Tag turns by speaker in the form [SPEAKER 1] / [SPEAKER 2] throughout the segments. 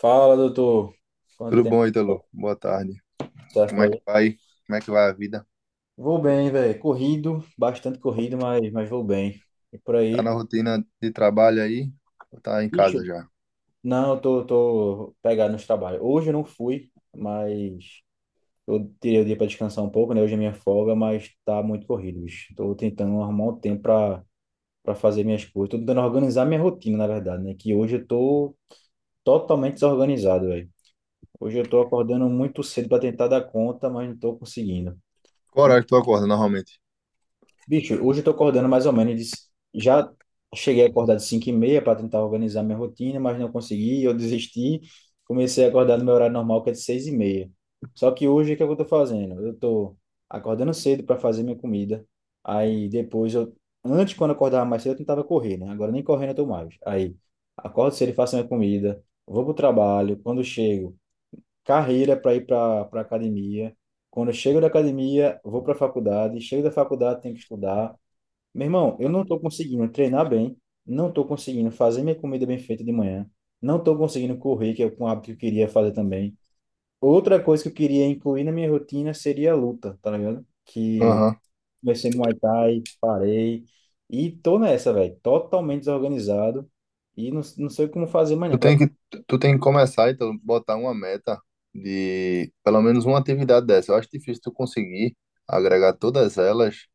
[SPEAKER 1] Fala, doutor. Quanto
[SPEAKER 2] Tudo bom,
[SPEAKER 1] tempo
[SPEAKER 2] Ítalo? Boa tarde.
[SPEAKER 1] serve
[SPEAKER 2] Como
[SPEAKER 1] por
[SPEAKER 2] é que
[SPEAKER 1] aí?
[SPEAKER 2] vai? Como é que vai a vida?
[SPEAKER 1] Vou bem, velho. Corrido, bastante corrido, mas vou bem. E por
[SPEAKER 2] Tá
[SPEAKER 1] aí?
[SPEAKER 2] na rotina de trabalho aí? Ou tá em
[SPEAKER 1] Bicho,
[SPEAKER 2] casa já?
[SPEAKER 1] não, eu tô pegado nos trabalhos. Hoje eu não fui, mas eu tirei o dia pra descansar um pouco, né? Hoje é minha folga, mas tá muito corrido, bicho. Tô tentando arrumar um tempo pra fazer minhas coisas. Tô tentando organizar minha rotina, na verdade, né? Que hoje eu tô totalmente desorganizado, velho. Hoje eu tô acordando muito cedo pra tentar dar conta, mas não tô conseguindo.
[SPEAKER 2] Qual horário que tu acorda normalmente?
[SPEAKER 1] Bicho, hoje eu tô acordando mais ou menos. Já cheguei a acordar de 5:30 para tentar organizar minha rotina, mas não consegui, eu desisti. Comecei a acordar no meu horário normal, que é de 6:30. Só que hoje, o que é que eu tô fazendo? Eu tô acordando cedo para fazer minha comida. Aí depois eu... Antes, quando eu acordava mais cedo, eu tentava correr, né? Agora nem correndo eu tô mais. Aí, acordo cedo e faço minha comida. Vou pro trabalho. Quando chego, carreira para ir pra academia. Quando eu chego da academia, vou pra faculdade. Chego da faculdade, tenho que estudar. Meu irmão, eu não estou conseguindo treinar bem, não estou conseguindo fazer minha comida bem feita de manhã, não estou conseguindo correr, que é um hábito que eu queria fazer também. Outra coisa que eu queria incluir na minha rotina seria a luta, tá ligado? Que
[SPEAKER 2] Aham.
[SPEAKER 1] comecei Muay Thai, parei, e tô nessa, velho, totalmente desorganizado, e não sei como fazer amanhã
[SPEAKER 2] Tu
[SPEAKER 1] pra
[SPEAKER 2] tem que, tu tem que começar, Ítalo, botar uma meta de pelo menos uma atividade dessa. Eu acho difícil tu conseguir agregar todas elas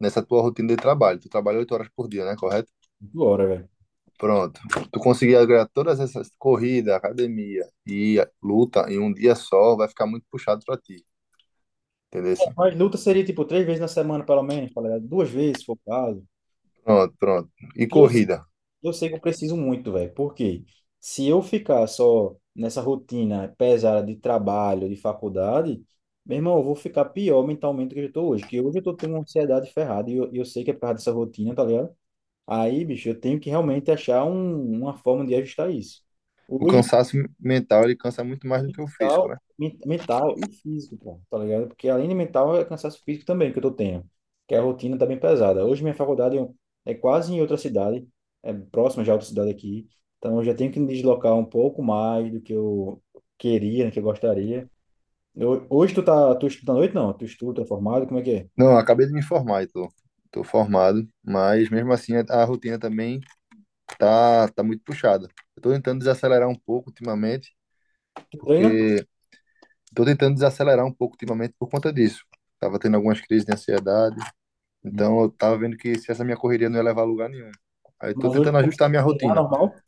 [SPEAKER 2] nessa tua rotina de trabalho. Tu trabalha 8 horas por dia, né? Correto?
[SPEAKER 1] hora, velho.
[SPEAKER 2] Pronto. Tu conseguir agregar todas essas corrida, academia e luta em um dia só, vai ficar muito puxado pra ti. Entendeu?
[SPEAKER 1] Mas luta seria tipo três vezes na semana, pelo menos, tá ligado? Duas vezes, se for o caso.
[SPEAKER 2] Pronto, pronto. E
[SPEAKER 1] Eu
[SPEAKER 2] corrida.
[SPEAKER 1] eu sei que eu preciso muito, velho, porque se eu ficar só nessa rotina pesada de trabalho, de faculdade, meu irmão, eu vou ficar pior mentalmente do que eu estou hoje, que hoje eu tô tendo uma ansiedade ferrada e eu sei que é por causa dessa rotina, tá ligado? Aí, bicho, eu tenho que realmente achar uma forma de ajustar isso.
[SPEAKER 2] O
[SPEAKER 1] Hoje,
[SPEAKER 2] cansaço mental, ele cansa muito mais do que o físico,
[SPEAKER 1] Mental,
[SPEAKER 2] né?
[SPEAKER 1] mental e físico, pô, tá ligado? Porque além de mental, é cansaço físico também que eu tô tendo, que é a rotina tá bem pesada. Hoje minha faculdade é quase em outra cidade, é próxima já a outra cidade aqui, então eu já tenho que me deslocar um pouco mais do que eu queria, né, que eu gostaria. Hoje tu estuda à noite? Não, tu é formado, como é que é?
[SPEAKER 2] Não, eu acabei de me formar e tô formado, mas mesmo assim a rotina também tá muito puxada. Eu tô tentando desacelerar um pouco ultimamente,
[SPEAKER 1] Tu treina?
[SPEAKER 2] porque tô tentando desacelerar um pouco ultimamente por conta disso. Tava tendo algumas crises de ansiedade,
[SPEAKER 1] Hum.
[SPEAKER 2] então eu tava vendo que se essa minha correria não ia levar a lugar nenhum. Aí tô
[SPEAKER 1] Mas hoje tu
[SPEAKER 2] tentando ajustar a
[SPEAKER 1] consegue
[SPEAKER 2] minha
[SPEAKER 1] treinar
[SPEAKER 2] rotina.
[SPEAKER 1] normal?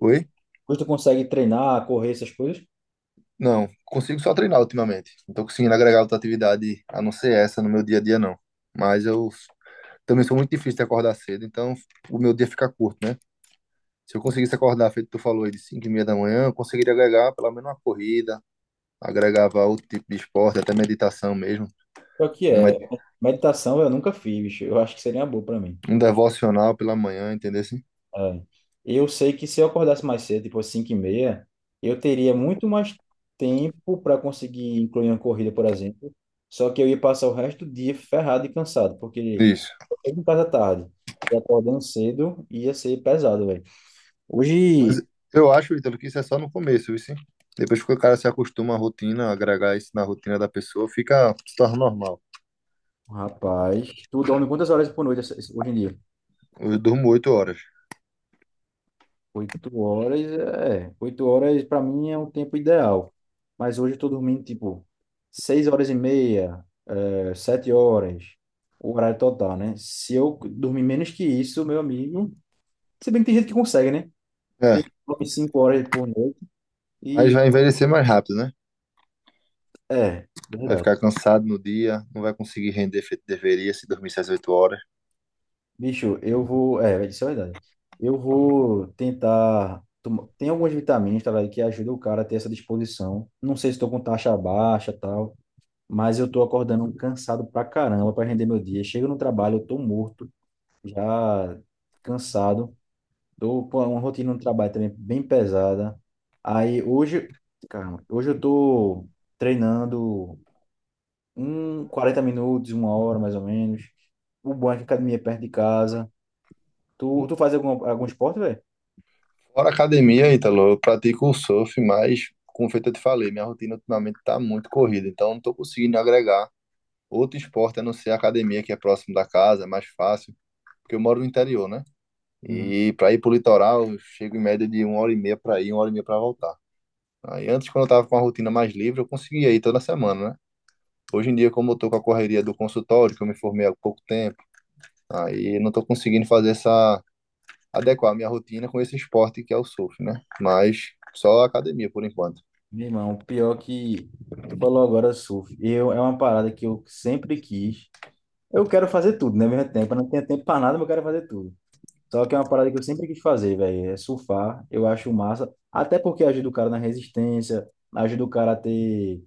[SPEAKER 2] Oi?
[SPEAKER 1] Hoje tu consegue treinar, correr, essas coisas?
[SPEAKER 2] Não, consigo só treinar ultimamente. Não tô conseguindo agregar outra atividade a não ser essa no meu dia a dia, não. Mas eu também sou muito difícil de acordar cedo, então o meu dia fica curto, né? Se eu conseguisse acordar, feito tu falou aí, de 5h30 da manhã, eu conseguiria agregar pelo menos uma corrida, agregava outro tipo de esporte, até meditação mesmo,
[SPEAKER 1] Só que
[SPEAKER 2] um,
[SPEAKER 1] é,
[SPEAKER 2] med-
[SPEAKER 1] meditação eu nunca fiz, eu acho que seria uma boa pra mim.
[SPEAKER 2] um devocional pela manhã, entendeu? Assim?
[SPEAKER 1] É. Eu sei que se eu acordasse mais cedo, tipo às 5h30, eu teria muito mais tempo para conseguir incluir uma corrida, por exemplo. Só que eu ia passar o resto do dia ferrado e cansado, porque
[SPEAKER 2] Isso.
[SPEAKER 1] eu em casa tarde e acordando cedo ia ser pesado, velho.
[SPEAKER 2] Mas
[SPEAKER 1] Hoje,
[SPEAKER 2] eu acho, Ítalo, que isso é só no começo, viu? Sim? Depois que o cara se acostuma à rotina, agregar isso na rotina da pessoa, fica, se torna normal.
[SPEAKER 1] rapaz, tu dorme quantas horas por noite hoje em dia?
[SPEAKER 2] Eu durmo 8 horas.
[SPEAKER 1] Oito horas, é. Oito horas para mim é um tempo ideal. Mas hoje eu tô dormindo tipo 6 horas e meia, é, 7 horas, o horário total, né? Se eu dormir menos que isso, meu amigo. Se bem que tem gente que consegue, né? Tem
[SPEAKER 2] É,
[SPEAKER 1] gente que dorme 5 horas por noite
[SPEAKER 2] mas
[SPEAKER 1] e.
[SPEAKER 2] vai envelhecer mais rápido, né?
[SPEAKER 1] É,
[SPEAKER 2] Vai
[SPEAKER 1] verdade.
[SPEAKER 2] ficar cansado no dia, não vai conseguir render feito deveria se dormir 6, 8 horas.
[SPEAKER 1] Bicho, eu vou. É, isso é verdade. Eu vou tentar. Tomar- Tem algumas vitaminas, tá, velho, que ajudam o cara a ter essa disposição. Não sei se estou com taxa baixa e tal. Mas eu tô acordando cansado pra caramba pra render meu dia. Chego no trabalho, eu tô morto, já cansado. Tô com uma rotina no trabalho também bem pesada. Aí hoje, caramba, hoje eu tô treinando um 40 minutos, 1 hora mais ou menos. O bom é que a academia é perto de casa. Tu faz algum esporte, velho?
[SPEAKER 2] Fora a academia, Ítalo, eu pratico o surf, mas, como feito eu te falei, minha rotina ultimamente tá muito corrida, então não tô conseguindo agregar outro esporte a não ser a academia, que é próximo da casa, é mais fácil, porque eu moro no interior, né?
[SPEAKER 1] Uhum.
[SPEAKER 2] E para ir pro litoral, eu chego em média de uma hora e meia para ir, uma hora e meia para voltar. Aí antes, quando eu tava com uma rotina mais livre, eu conseguia ir toda semana, né? Hoje em dia, como eu tô com a correria do consultório, que eu me formei há pouco tempo, aí não tô conseguindo fazer essa, adequar a minha rotina com esse esporte que é o surf, né? Mas só academia por enquanto.
[SPEAKER 1] Meu irmão, pior que tu falou agora surf. Eu, é uma parada que eu sempre quis. Eu quero fazer tudo, né? Ao mesmo tempo, eu não tenho tempo pra nada, mas eu quero fazer tudo. Só que é uma parada que eu sempre quis fazer, velho. É surfar. Eu acho massa. Até porque ajuda o cara na resistência, ajuda o cara a ter.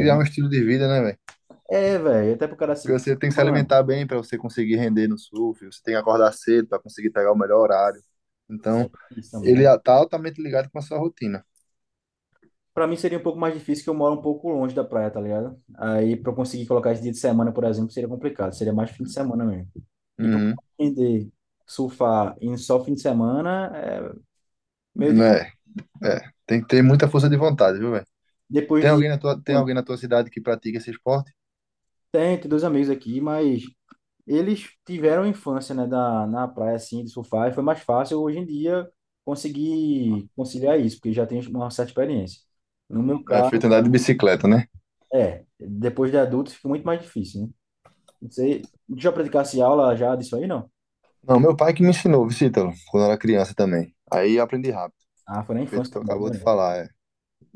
[SPEAKER 2] E é um
[SPEAKER 1] uma-
[SPEAKER 2] estilo de vida, né, velho?
[SPEAKER 1] é velho. Até pro cara se.
[SPEAKER 2] Porque você tem que se
[SPEAKER 1] Mano,
[SPEAKER 2] alimentar bem para você conseguir render no surf, você tem que acordar cedo para conseguir pegar o melhor horário. Então,
[SPEAKER 1] isso também,
[SPEAKER 2] ele
[SPEAKER 1] né?
[SPEAKER 2] tá altamente ligado com a sua rotina.
[SPEAKER 1] Pra mim seria um pouco mais difícil que eu moro um pouco longe da praia, tá ligado? Aí pra eu conseguir colocar esse dia de semana, por exemplo, seria complicado. Seria mais fim de semana mesmo. E pra eu
[SPEAKER 2] Uhum.
[SPEAKER 1] aprender surfar em só fim de semana, é meio difícil.
[SPEAKER 2] É, é. Tem que ter muita força de vontade, viu, velho?
[SPEAKER 1] Depois
[SPEAKER 2] Tem
[SPEAKER 1] de.
[SPEAKER 2] alguém na tua, tem
[SPEAKER 1] Bom,
[SPEAKER 2] alguém na tua cidade que pratica esse esporte?
[SPEAKER 1] tem, dois amigos aqui, mas eles tiveram infância, né, na praia, assim, de surfar, e foi mais fácil hoje em dia conseguir conciliar isso, porque já tem uma certa experiência. No meu
[SPEAKER 2] É,
[SPEAKER 1] caso,
[SPEAKER 2] feito andar de bicicleta, né?
[SPEAKER 1] é, depois de adulto fica muito mais difícil, né? Não sei, já praticasse aula já disso aí, não?
[SPEAKER 2] Não, meu pai que me ensinou, Vicítalo, quando eu era criança também. Aí eu aprendi rápido.
[SPEAKER 1] Ah, foi na
[SPEAKER 2] Que
[SPEAKER 1] infância
[SPEAKER 2] tu
[SPEAKER 1] também,
[SPEAKER 2] acabou de
[SPEAKER 1] né?
[SPEAKER 2] falar, é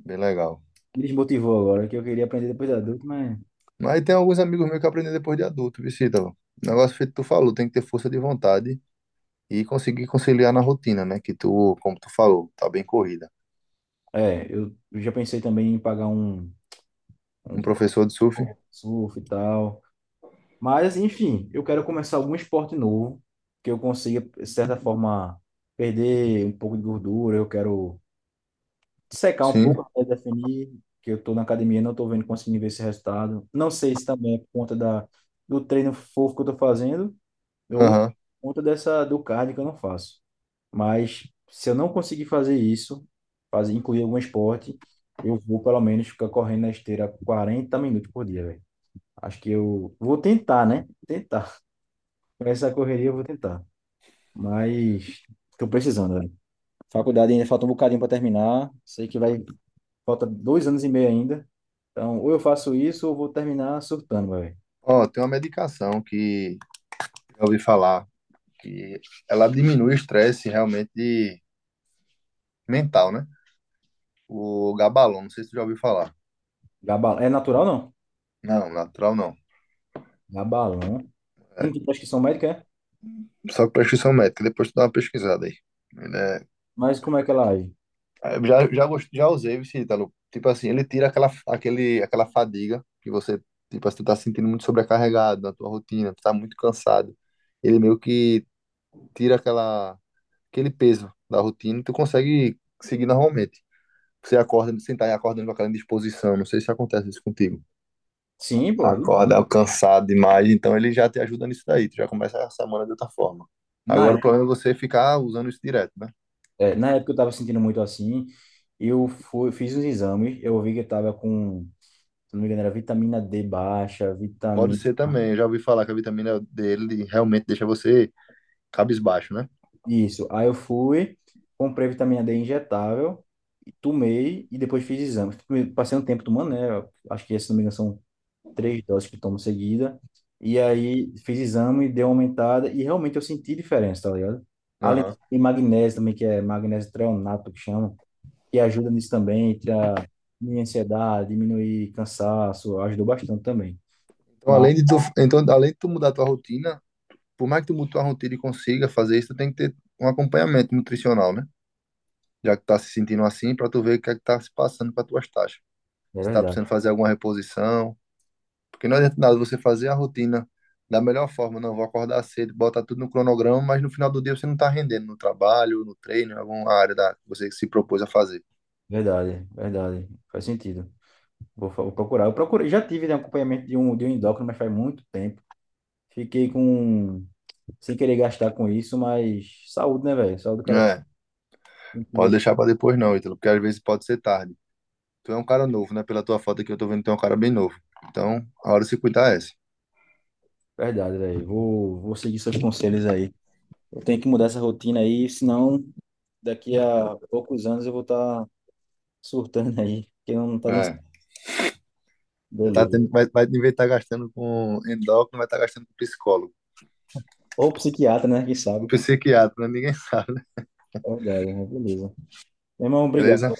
[SPEAKER 2] bem legal.
[SPEAKER 1] Me desmotivou agora, que eu queria aprender depois de adulto, mas...
[SPEAKER 2] Mas tem alguns amigos meus que aprendem depois de adulto, viu, Ítalo? O negócio feito que tu falou, tem que ter força de vontade e conseguir conciliar na rotina, né? Que tu, como tu falou, tá bem corrida.
[SPEAKER 1] É, eu já pensei também em pagar
[SPEAKER 2] Um
[SPEAKER 1] um
[SPEAKER 2] professor de surf?
[SPEAKER 1] surf e tal. Mas, enfim, eu quero começar algum esporte novo, que eu consiga, de certa forma, perder um pouco de gordura. Eu quero secar um
[SPEAKER 2] Sim.
[SPEAKER 1] pouco até definir que eu estou na academia, não estou vendo, conseguindo ver esse resultado. Não sei se também é por conta da, do treino fofo que eu estou fazendo ou por
[SPEAKER 2] Aham.
[SPEAKER 1] conta dessa, do cardio que eu não faço. Mas, se eu não conseguir fazer isso, fazer, incluir algum esporte, eu vou, pelo menos, ficar correndo na esteira 40 minutos por dia, velho. Acho que eu vou tentar, né? Tentar. Com essa correria eu vou tentar. Mas tô precisando, velho. Faculdade ainda falta um bocadinho para terminar. Sei que vai. Falta 2 anos e meio ainda. Então, ou eu faço isso ou vou terminar surtando, velho.
[SPEAKER 2] Ó, tem uma medicação que eu ouvi falar que ela diminui o estresse realmente mental, né? O Gabalon, não sei se tu já ouviu falar.
[SPEAKER 1] Gabal... É natural, não?
[SPEAKER 2] Não, natural não.
[SPEAKER 1] Gabalão. Tem que prescrição médica, é?
[SPEAKER 2] Só com prescrição médica, depois tu dá uma pesquisada aí. Ele é...
[SPEAKER 1] Mas como é que ela age?
[SPEAKER 2] Eu Já usei o Vitalo. Tipo assim, ele tira aquela, aquele, aquela fadiga que você, tipo assim, tu tá sentindo muito sobrecarregado na tua rotina, tu tá muito cansado. Ele meio que tira aquela, aquele, peso da rotina e tu consegue seguir normalmente. Você acorda, sentar e acordando com aquela disposição. Não sei se acontece isso contigo.
[SPEAKER 1] Sim, pô. Ali, né?
[SPEAKER 2] Acorda cansado demais, então ele já te ajuda nisso daí. Tu já começa a semana de outra forma.
[SPEAKER 1] Na,
[SPEAKER 2] Agora o
[SPEAKER 1] é-
[SPEAKER 2] problema é você ficar usando isso direto, né?
[SPEAKER 1] É, na época eu tava sentindo muito assim. Eu fui, fiz uns exames. Eu vi que eu tava com, se não me engano, era vitamina D baixa,
[SPEAKER 2] Pode
[SPEAKER 1] vitamina
[SPEAKER 2] ser também, eu já ouvi falar que a vitamina dele realmente deixa você cabisbaixo, né?
[SPEAKER 1] Isso. Aí eu fui, comprei vitamina D injetável, e tomei e depois fiz exames. Passei um tempo tomando, né? eu Acho que, se não me engano, são três doses que tomo seguida. E aí fiz exame, deu uma aumentada e realmente eu senti diferença, tá ligado? Além
[SPEAKER 2] Aham.
[SPEAKER 1] de magnésio também, que é magnésio treonato que chama, que ajuda nisso também, para diminuir ansiedade, diminuir cansaço, ajudou bastante também.
[SPEAKER 2] Então,
[SPEAKER 1] Mas
[SPEAKER 2] além de tu mudar tua rotina, por mais que tu mude tua rotina e consiga fazer isso, tu tem que ter um acompanhamento nutricional, né? Já que tá se sentindo assim, pra tu ver o que é que tá se passando com as tuas taxas.
[SPEAKER 1] é
[SPEAKER 2] Se tá
[SPEAKER 1] verdade,
[SPEAKER 2] precisando fazer alguma reposição, porque não adianta nada você fazer a rotina da melhor forma, não, vou acordar cedo, botar tudo no cronograma, mas no final do dia você não tá rendendo no trabalho, no treino, em alguma área da que você se propôs a fazer.
[SPEAKER 1] verdade, verdade. Faz sentido. Vou, vou procurar. Eu procurei, já tive né, acompanhamento de um endócrino, mas faz muito tempo. Fiquei com, sem querer gastar com isso, mas saúde, né, velho? Saúde do cara
[SPEAKER 2] É,
[SPEAKER 1] tem
[SPEAKER 2] pode
[SPEAKER 1] que
[SPEAKER 2] deixar pra depois não, Ítalo, porque às vezes pode ser tarde. Tu é um cara novo, né? Pela tua foto aqui, eu tô vendo que tu é um cara bem novo. Então, a hora de se cuidar é essa.
[SPEAKER 1] verdade, velho. Vou seguir seus conselhos aí. Eu tenho que mudar essa rotina aí, senão daqui a poucos anos eu vou estar surtando aí, porque não tá dando certo.
[SPEAKER 2] É. Tá
[SPEAKER 1] Beleza.
[SPEAKER 2] tendo, vai, em vez de estar gastando com endócrino, vai estar gastando com psicólogo.
[SPEAKER 1] Ou psiquiatra, né? Quem
[SPEAKER 2] Ou
[SPEAKER 1] sabe?
[SPEAKER 2] psiquiatra, né? Ninguém sabe, né?
[SPEAKER 1] É verdade, mas beleza. Meu irmão, obrigado.
[SPEAKER 2] Beleza?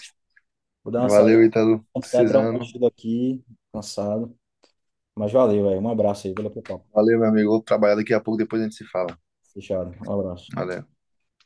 [SPEAKER 1] Vou dar uma saída,
[SPEAKER 2] Valeu, Ítalo.
[SPEAKER 1] descansar, tirar um
[SPEAKER 2] Precisando.
[SPEAKER 1] cochilo aqui, cansado. Mas valeu, velho. Um abraço aí, valeu pelo papo.
[SPEAKER 2] Valeu, meu amigo. Vou trabalhar daqui a pouco, depois a gente se fala.
[SPEAKER 1] Fechado. Um abraço.
[SPEAKER 2] Valeu.